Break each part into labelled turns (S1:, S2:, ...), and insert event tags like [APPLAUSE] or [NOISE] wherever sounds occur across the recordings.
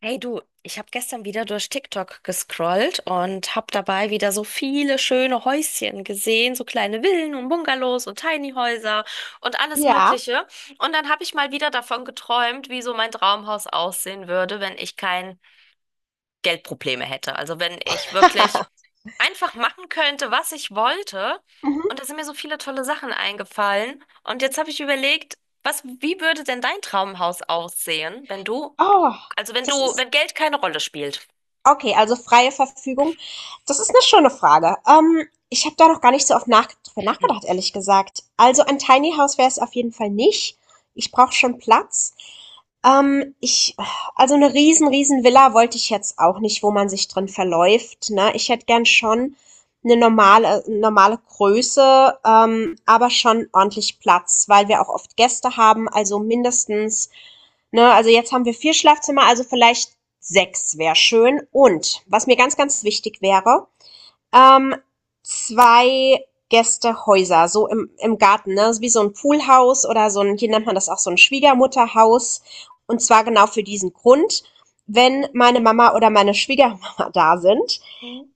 S1: Hey du, ich habe gestern wieder durch TikTok gescrollt und habe dabei wieder so viele schöne Häuschen gesehen, so kleine Villen und Bungalows und Tiny Häuser und alles
S2: Ja.
S1: Mögliche. Und dann habe ich mal wieder davon geträumt, wie so mein Traumhaus aussehen würde, wenn ich kein Geldprobleme hätte. Also wenn ich wirklich
S2: [LAUGHS]
S1: einfach machen könnte, was ich wollte. Und
S2: Mhm.
S1: da sind mir so viele tolle Sachen eingefallen. Und jetzt habe ich überlegt, was, wie würde denn dein Traumhaus aussehen, wenn du
S2: Oh,
S1: also
S2: das ist
S1: wenn Geld keine Rolle spielt.
S2: okay, also freie Verfügung. Das ist eine schöne Frage. Ich habe da noch gar nicht so oft nach drüber nachgedacht, ehrlich gesagt. Also, ein Tiny House wäre es auf jeden Fall nicht. Ich brauche schon Platz. Ich also, eine riesen, riesen Villa wollte ich jetzt auch nicht, wo man sich drin verläuft, ne? Ich hätte gern schon eine normale Größe, aber schon ordentlich Platz, weil wir auch oft Gäste haben, also mindestens, ne, also jetzt haben wir 4 Schlafzimmer, also vielleicht sechs wäre schön. Und was mir ganz, ganz wichtig wäre, ähm, zwei Gästehäuser, so im Garten, ne? Wie so ein Poolhaus oder so ein, hier nennt man das auch so ein Schwiegermutterhaus. Und zwar genau für diesen Grund, wenn meine Mama oder meine Schwiegermama [LAUGHS] da sind,
S1: Hm.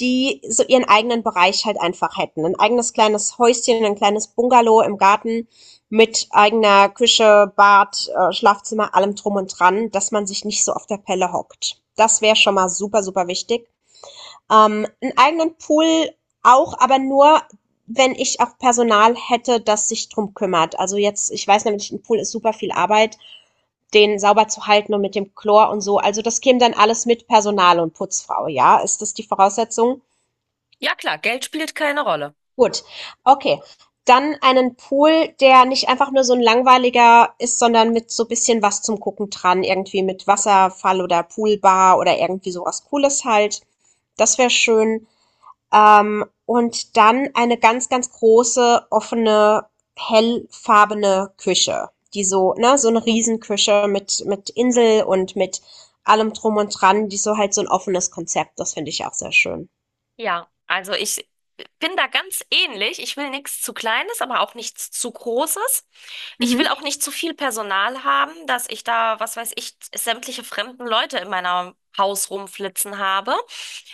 S2: die so ihren eigenen Bereich halt einfach hätten. Ein eigenes kleines Häuschen, ein kleines Bungalow im Garten mit eigener Küche, Bad, Schlafzimmer, allem drum und dran, dass man sich nicht so auf der Pelle hockt. Das wäre schon mal super, super wichtig. Einen eigenen Pool auch, aber nur, wenn ich auch Personal hätte, das sich drum kümmert. Also jetzt, ich weiß nämlich, ein Pool ist super viel Arbeit, den sauber zu halten und mit dem Chlor und so. Also das käme dann alles mit Personal und Putzfrau, ja? Ist das die Voraussetzung?
S1: Ja klar, Geld spielt keine Rolle.
S2: Gut, okay. Dann einen Pool, der nicht einfach nur so ein langweiliger ist, sondern mit so ein bisschen was zum Gucken dran, irgendwie mit Wasserfall oder Poolbar oder irgendwie so was Cooles halt. Das wäre schön. Und dann eine ganz, ganz große, offene, hellfarbene Küche, die so eine Riesenküche mit Insel und mit allem Drum und Dran, die so halt so ein offenes Konzept, das finde ich auch sehr schön.
S1: Ja, also ich bin da ganz ähnlich. Ich will nichts zu Kleines, aber auch nichts zu Großes. Ich will
S2: Mhm,
S1: auch nicht zu viel Personal haben, dass ich da, was weiß ich, sämtliche fremden Leute in meinem Haus rumflitzen habe.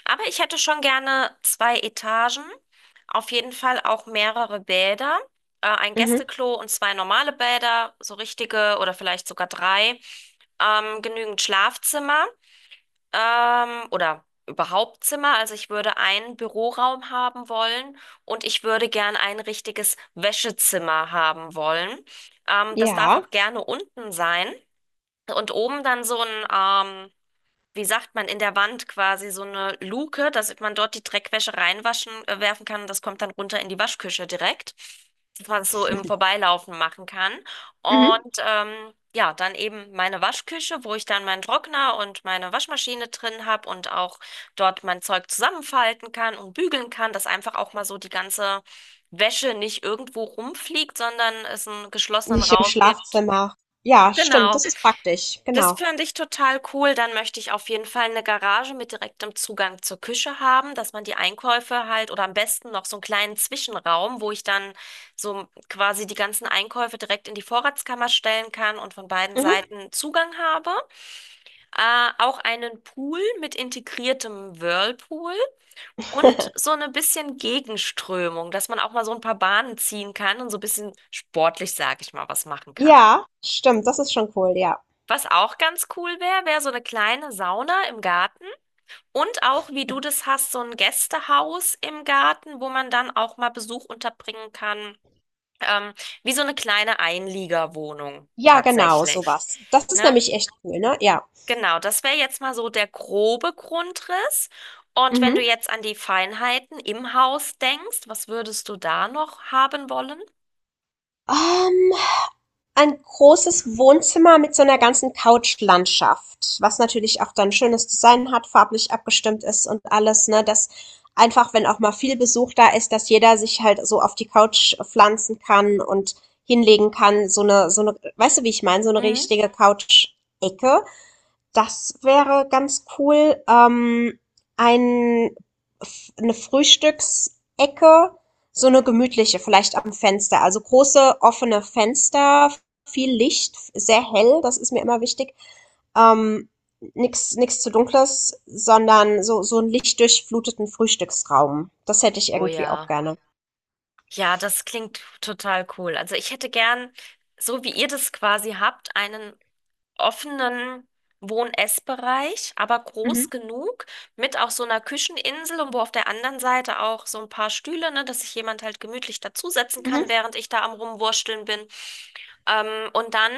S1: Aber ich hätte schon gerne zwei Etagen, auf jeden Fall auch mehrere Bäder, ein
S2: mhm,
S1: Gästeklo und zwei normale Bäder, so richtige oder vielleicht sogar drei, genügend Schlafzimmer. Oder überhaupt Zimmer. Also ich würde einen Büroraum haben wollen und ich würde gern ein richtiges Wäschezimmer haben wollen. Das darf
S2: ja.
S1: auch gerne unten sein und oben dann so ein ähm, wie sagt man, in der Wand quasi so eine Luke, dass man dort die Dreckwäsche reinwaschen, werfen kann und das kommt dann runter in die Waschküche direkt, dass man es so im Vorbeilaufen machen kann.
S2: Mhm.
S1: Und ja, dann eben meine Waschküche, wo ich dann meinen Trockner und meine Waschmaschine drin habe und auch dort mein Zeug zusammenfalten kann und bügeln kann, dass einfach auch mal so die ganze Wäsche nicht irgendwo rumfliegt, sondern es einen geschlossenen
S2: Nicht im
S1: Raum gibt.
S2: Schlafzimmer. Ja, stimmt,
S1: Genau.
S2: das ist praktisch,
S1: Das
S2: genau.
S1: fand ich total cool. Dann möchte ich auf jeden Fall eine Garage mit direktem Zugang zur Küche haben, dass man die Einkäufe halt oder am besten noch so einen kleinen Zwischenraum, wo ich dann so quasi die ganzen Einkäufe direkt in die Vorratskammer stellen kann und von beiden
S2: Mhm.
S1: Seiten Zugang habe. Auch einen Pool mit integriertem Whirlpool und
S2: [LAUGHS]
S1: so eine bisschen Gegenströmung, dass man auch mal so ein paar Bahnen ziehen kann und so ein bisschen sportlich, sag ich mal, was machen kann.
S2: Ja, stimmt, das ist schon cool, ja.
S1: Was auch ganz cool wäre, wäre so eine kleine Sauna im Garten und auch, wie du das hast, so ein Gästehaus im Garten, wo man dann auch mal Besuch unterbringen kann. Ähm, wie so eine kleine Einliegerwohnung
S2: Ja, genau,
S1: tatsächlich.
S2: sowas. Das ist
S1: Ne?
S2: nämlich echt cool, ne? Ja.
S1: Genau, das wäre jetzt mal so der grobe Grundriss. Und wenn du
S2: Mhm.
S1: jetzt an die Feinheiten im Haus denkst, was würdest du da noch haben wollen?
S2: Ähm, ein großes Wohnzimmer mit so einer ganzen Couchlandschaft, was natürlich auch dann schönes Design hat, farblich abgestimmt ist und alles, ne, dass einfach, wenn auch mal viel Besuch da ist, dass jeder sich halt so auf die Couch pflanzen kann und hinlegen kann. So eine weißt du, wie ich meine? So eine
S1: Mhm.
S2: richtige Couch-Ecke. Das wäre ganz cool. Ein, eine Frühstücksecke, so eine gemütliche, vielleicht am Fenster. Also große offene Fenster, viel Licht, sehr hell, das ist mir immer wichtig. Ähm, nix zu dunkles, sondern so einen lichtdurchfluteten Frühstücksraum. Das hätte ich
S1: Oh
S2: irgendwie auch
S1: ja.
S2: gerne.
S1: Ja, das klingt total cool. Also ich hätte gern, so wie ihr das quasi habt, einen offenen Wohn-Ess-Bereich, aber
S2: Mhm,
S1: groß genug, mit auch so einer Kücheninsel und wo auf der anderen Seite auch so ein paar Stühle, ne, dass sich jemand halt gemütlich dazusetzen
S2: mhm.
S1: kann, während ich da am Rumwursteln bin. Ähm, und dann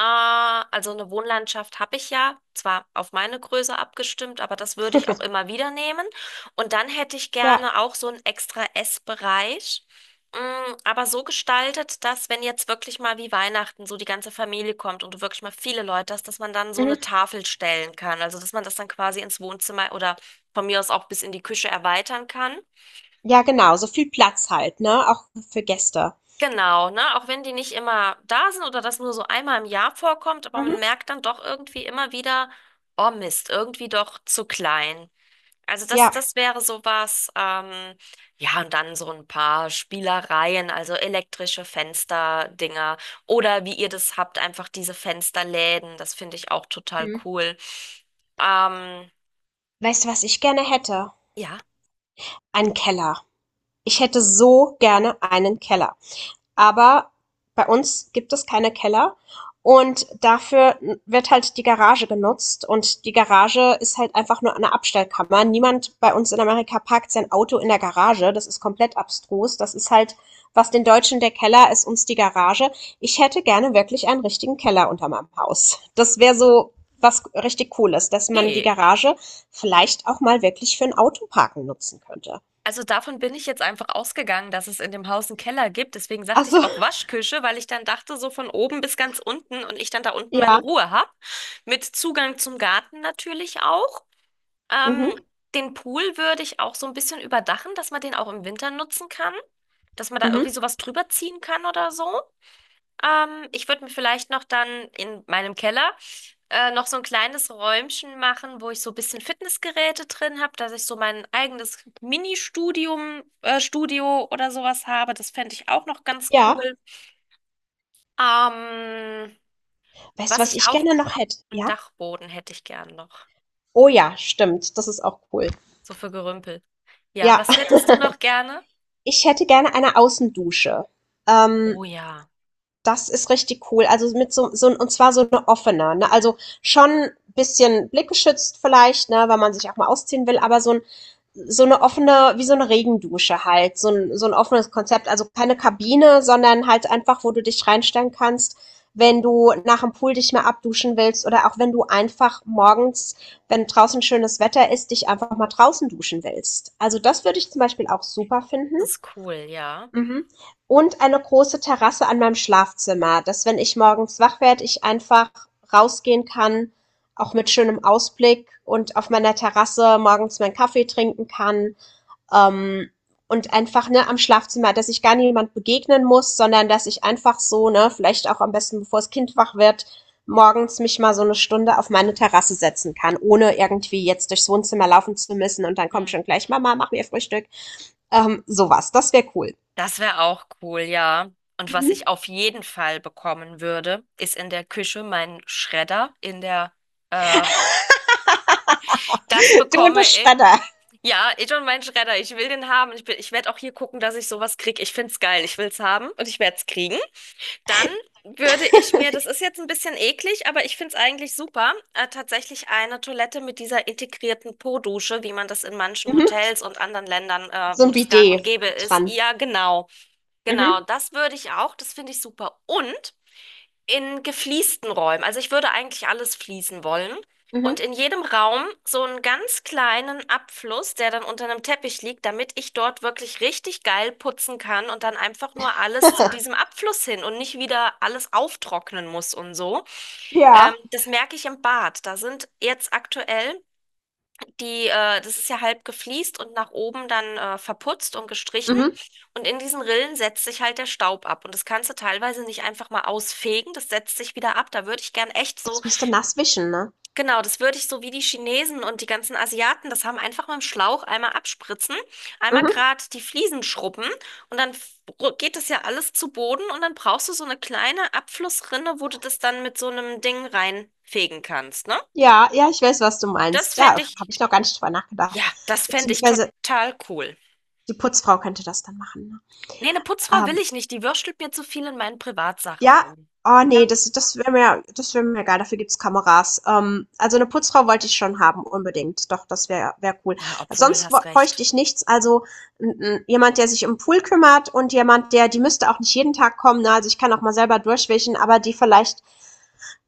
S1: also eine Wohnlandschaft habe ich ja, zwar auf meine Größe abgestimmt, aber das würde ich auch immer wieder nehmen. Und dann hätte ich
S2: Ja,
S1: gerne auch so einen extra Essbereich, aber so gestaltet, dass wenn jetzt wirklich mal wie Weihnachten so die ganze Familie kommt und du wirklich mal viele Leute hast, dass man dann so eine
S2: mhm.
S1: Tafel stellen kann. Also dass man das dann quasi ins Wohnzimmer oder von mir aus auch bis in die Küche erweitern kann.
S2: Ja, genau, so viel Platz halt, ne? Auch für Gäste.
S1: Genau, ne? Auch wenn die nicht immer da sind oder das nur so einmal im Jahr vorkommt, aber man
S2: Mhm.
S1: merkt dann doch irgendwie immer wieder, oh Mist, irgendwie doch zu klein. Also das,
S2: Ja.
S1: das wäre sowas, ja, und dann so ein paar Spielereien, also elektrische Fensterdinger oder wie ihr das habt, einfach diese Fensterläden, das finde ich auch total
S2: Mhm.
S1: cool. Ähm,
S2: Weißt du, was ich gerne hätte?
S1: ja.
S2: Einen Keller. Ich hätte so gerne einen Keller. Aber bei uns gibt es keine Keller und dafür wird halt die Garage genutzt und die Garage ist halt einfach nur eine Abstellkammer. Niemand bei uns in Amerika parkt sein Auto in der Garage. Das ist komplett abstrus. Das ist halt, was den Deutschen der Keller ist, uns die Garage. Ich hätte gerne wirklich einen richtigen Keller unter meinem Haus. Das wäre so was richtig Cooles, dass man die
S1: Okay,
S2: Garage vielleicht auch mal wirklich für ein Autoparken nutzen könnte.
S1: also davon bin ich jetzt einfach ausgegangen, dass es in dem Haus einen Keller gibt. Deswegen sagte
S2: Also,
S1: ich auch Waschküche, weil ich dann dachte, so von oben bis ganz unten und ich dann da unten meine
S2: ja,
S1: Ruhe habe. Mit Zugang zum Garten natürlich auch.
S2: mhm,
S1: Ähm, den Pool würde ich auch so ein bisschen überdachen, dass man den auch im Winter nutzen kann. Dass man da
S2: mhm,
S1: irgendwie sowas drüber ziehen kann oder so. Ich würde mir vielleicht noch dann in meinem Keller noch so ein kleines Räumchen machen, wo ich so ein bisschen Fitnessgeräte drin habe, dass ich so mein eigenes Mini-Studium, Studio oder sowas habe. Das fände ich auch noch ganz
S2: ja.
S1: cool. Ähm,
S2: Weißt du,
S1: was
S2: was
S1: ich
S2: ich
S1: auch,
S2: gerne noch hätte?
S1: einen
S2: Ja?
S1: Dachboden hätte ich gern noch.
S2: Oh ja, stimmt. Das ist auch cool.
S1: So für Gerümpel. Ja,
S2: Ja.
S1: was hättest du noch
S2: [LAUGHS]
S1: gerne?
S2: Ich hätte gerne eine Außendusche. Ähm,
S1: Oh ja,
S2: Das ist richtig cool. Also mit so, so und zwar so eine offene, ne? Also schon ein bisschen blickgeschützt vielleicht, ne, weil man sich auch mal ausziehen will, aber so eine offene, wie so eine Regendusche halt, so ein offenes Konzept. Also keine Kabine, sondern halt einfach, wo du dich reinstellen kannst, wenn du nach dem Pool dich mal abduschen willst oder auch wenn du einfach morgens, wenn draußen schönes Wetter ist, dich einfach mal draußen duschen willst. Also das würde ich zum Beispiel auch super finden.
S1: das ist cool, ja.
S2: Mhm. Und eine große Terrasse an meinem Schlafzimmer, dass wenn ich morgens wach werde, ich einfach rausgehen kann, auch mit schönem Ausblick und auf meiner Terrasse morgens meinen Kaffee trinken kann, ähm, und einfach, ne, am Schlafzimmer, dass ich gar niemand begegnen muss, sondern dass ich einfach so, ne, vielleicht auch am besten, bevor das Kind wach wird, morgens mich mal so eine Stunde auf meine Terrasse setzen kann, ohne irgendwie jetzt durchs Wohnzimmer laufen zu müssen und dann kommt schon gleich Mama, mach mir Frühstück. Sowas, das wäre cool.
S1: Das wäre auch cool, ja. Und was
S2: Mhm.
S1: ich auf jeden Fall bekommen würde, ist in der Küche mein Schredder. Äh, das
S2: [LAUGHS] Du und
S1: bekomme
S2: der
S1: ich.
S2: Schredder.
S1: Ja, ich und mein Schredder. Ich will den haben. Ich werde auch hier gucken, dass ich sowas kriege. Ich find's geil. Ich will's haben und ich werde es kriegen. Dann würde ich mir, das ist jetzt ein bisschen eklig, aber ich find's eigentlich super, tatsächlich eine Toilette mit dieser integrierten Po-Dusche, wie man das in manchen
S2: Mhm.
S1: Hotels und anderen Ländern,
S2: So
S1: wo
S2: ein
S1: das gang und
S2: Bidet
S1: gäbe ist.
S2: dran.
S1: Ja, genau. Genau,
S2: Mhm.
S1: das würde ich auch. Das finde ich super. Und in gefliesten Räumen. Also ich würde eigentlich alles fließen wollen. Und
S2: Mhm.
S1: in jedem Raum so einen ganz kleinen Abfluss, der dann unter einem Teppich liegt, damit ich dort wirklich richtig geil putzen kann und dann einfach nur alles zu diesem Abfluss hin und nicht wieder alles auftrocknen muss und so. Ähm,
S2: Ja.
S1: das merke ich im Bad. Da sind jetzt aktuell das ist ja halb gefliest und nach oben dann verputzt und gestrichen.
S2: Mhm.
S1: Und in diesen Rillen setzt sich halt der Staub ab. Und das kannst du teilweise nicht einfach mal ausfegen. Das setzt sich wieder ab. Da würde ich gern echt so,
S2: Das müsste nass wischen, ne?
S1: genau, das würde ich so wie die Chinesen und die ganzen Asiaten, das haben einfach mit dem Schlauch einmal abspritzen, einmal
S2: Mhm.
S1: gerade die Fliesen schrubben und dann geht das ja alles zu Boden und dann brauchst du so eine kleine Abflussrinne, wo du das dann mit so einem Ding reinfegen kannst, ne?
S2: Ja, ja, ich weiß, was du
S1: Das
S2: meinst. Da
S1: fände ich,
S2: habe ich noch gar nicht drüber nachgedacht.
S1: ja, das fände ich
S2: Beziehungsweise
S1: total cool.
S2: die Putzfrau könnte das dann machen, ne?
S1: Nee, eine Putzfrau will
S2: Ähm,
S1: ich nicht. Die würstelt mir zu viel in meinen Privatsachen
S2: ja,
S1: rum.
S2: oh nee,
S1: Ja.
S2: das wäre mir egal, dafür gibt's Kameras. Also eine Putzfrau wollte ich schon haben, unbedingt. Doch, das wäre cool.
S1: Ja, obwohl,
S2: Sonst wo
S1: hast
S2: bräuchte
S1: recht.
S2: ich nichts, also 'n jemand, der sich um Pool kümmert und jemand, der die müsste auch nicht jeden Tag kommen, ne? Also, ich kann auch mal selber durchwischen, aber die vielleicht,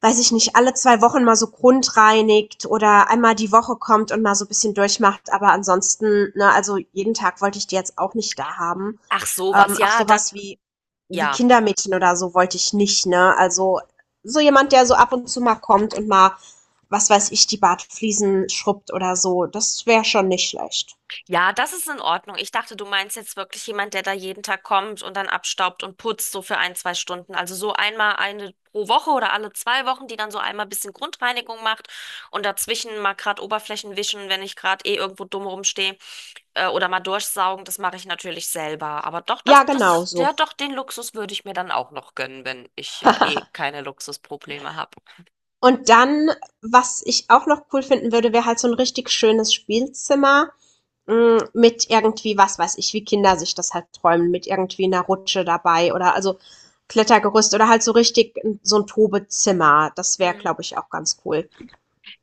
S2: weiß ich nicht, alle 2 Wochen mal so grundreinigt oder einmal die Woche kommt und mal so ein bisschen durchmacht. Aber ansonsten, ne, also jeden Tag wollte ich die jetzt auch nicht da haben.
S1: Ach, sowas.
S2: Auch
S1: Ja, da,
S2: sowas wie,
S1: ja.
S2: Kindermädchen oder so wollte ich nicht, ne? Also so jemand, der so ab und zu mal kommt und mal, was weiß ich, die Bartfliesen schrubbt oder so, das wäre schon nicht schlecht.
S1: Ja, das ist in Ordnung. Ich dachte, du meinst jetzt wirklich jemand, der da jeden Tag kommt und dann abstaubt und putzt, so für ein, zwei Stunden. Also so einmal eine pro Woche oder alle zwei Wochen, die dann so einmal ein bisschen Grundreinigung macht und dazwischen mal gerade Oberflächen wischen, wenn ich gerade eh irgendwo dumm rumstehe. Oder mal durchsaugen, das mache ich natürlich selber. Aber doch,
S2: Ja, genau so.
S1: ja, doch, den Luxus würde ich mir dann auch noch gönnen, wenn ich ja eh
S2: [LAUGHS]
S1: keine Luxusprobleme habe.
S2: Und dann, was ich auch noch cool finden würde, wäre halt so ein richtig schönes Spielzimmer. Hm, mit irgendwie, was weiß ich, wie Kinder sich das halt träumen, mit irgendwie einer Rutsche dabei oder also Klettergerüst oder halt so richtig so ein Tobezimmer. Das wäre,
S1: Hm.
S2: glaube ich, auch ganz cool.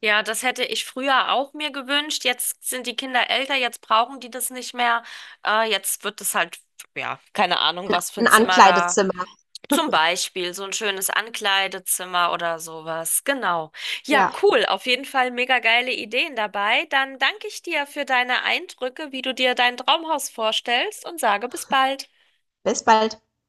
S1: Ja, das hätte ich früher auch mir gewünscht. Jetzt sind die Kinder älter, jetzt brauchen die das nicht mehr. Jetzt wird es halt, ja, keine Ahnung, was für
S2: ein 'n
S1: ein Zimmer da.
S2: Ankleidezimmer.
S1: Zum Beispiel so ein schönes Ankleidezimmer oder sowas. Genau. Ja,
S2: Ja.
S1: cool. Auf jeden Fall mega geile Ideen dabei. Dann danke ich dir für deine Eindrücke, wie du dir dein Traumhaus vorstellst und sage bis bald.
S2: Bis bald.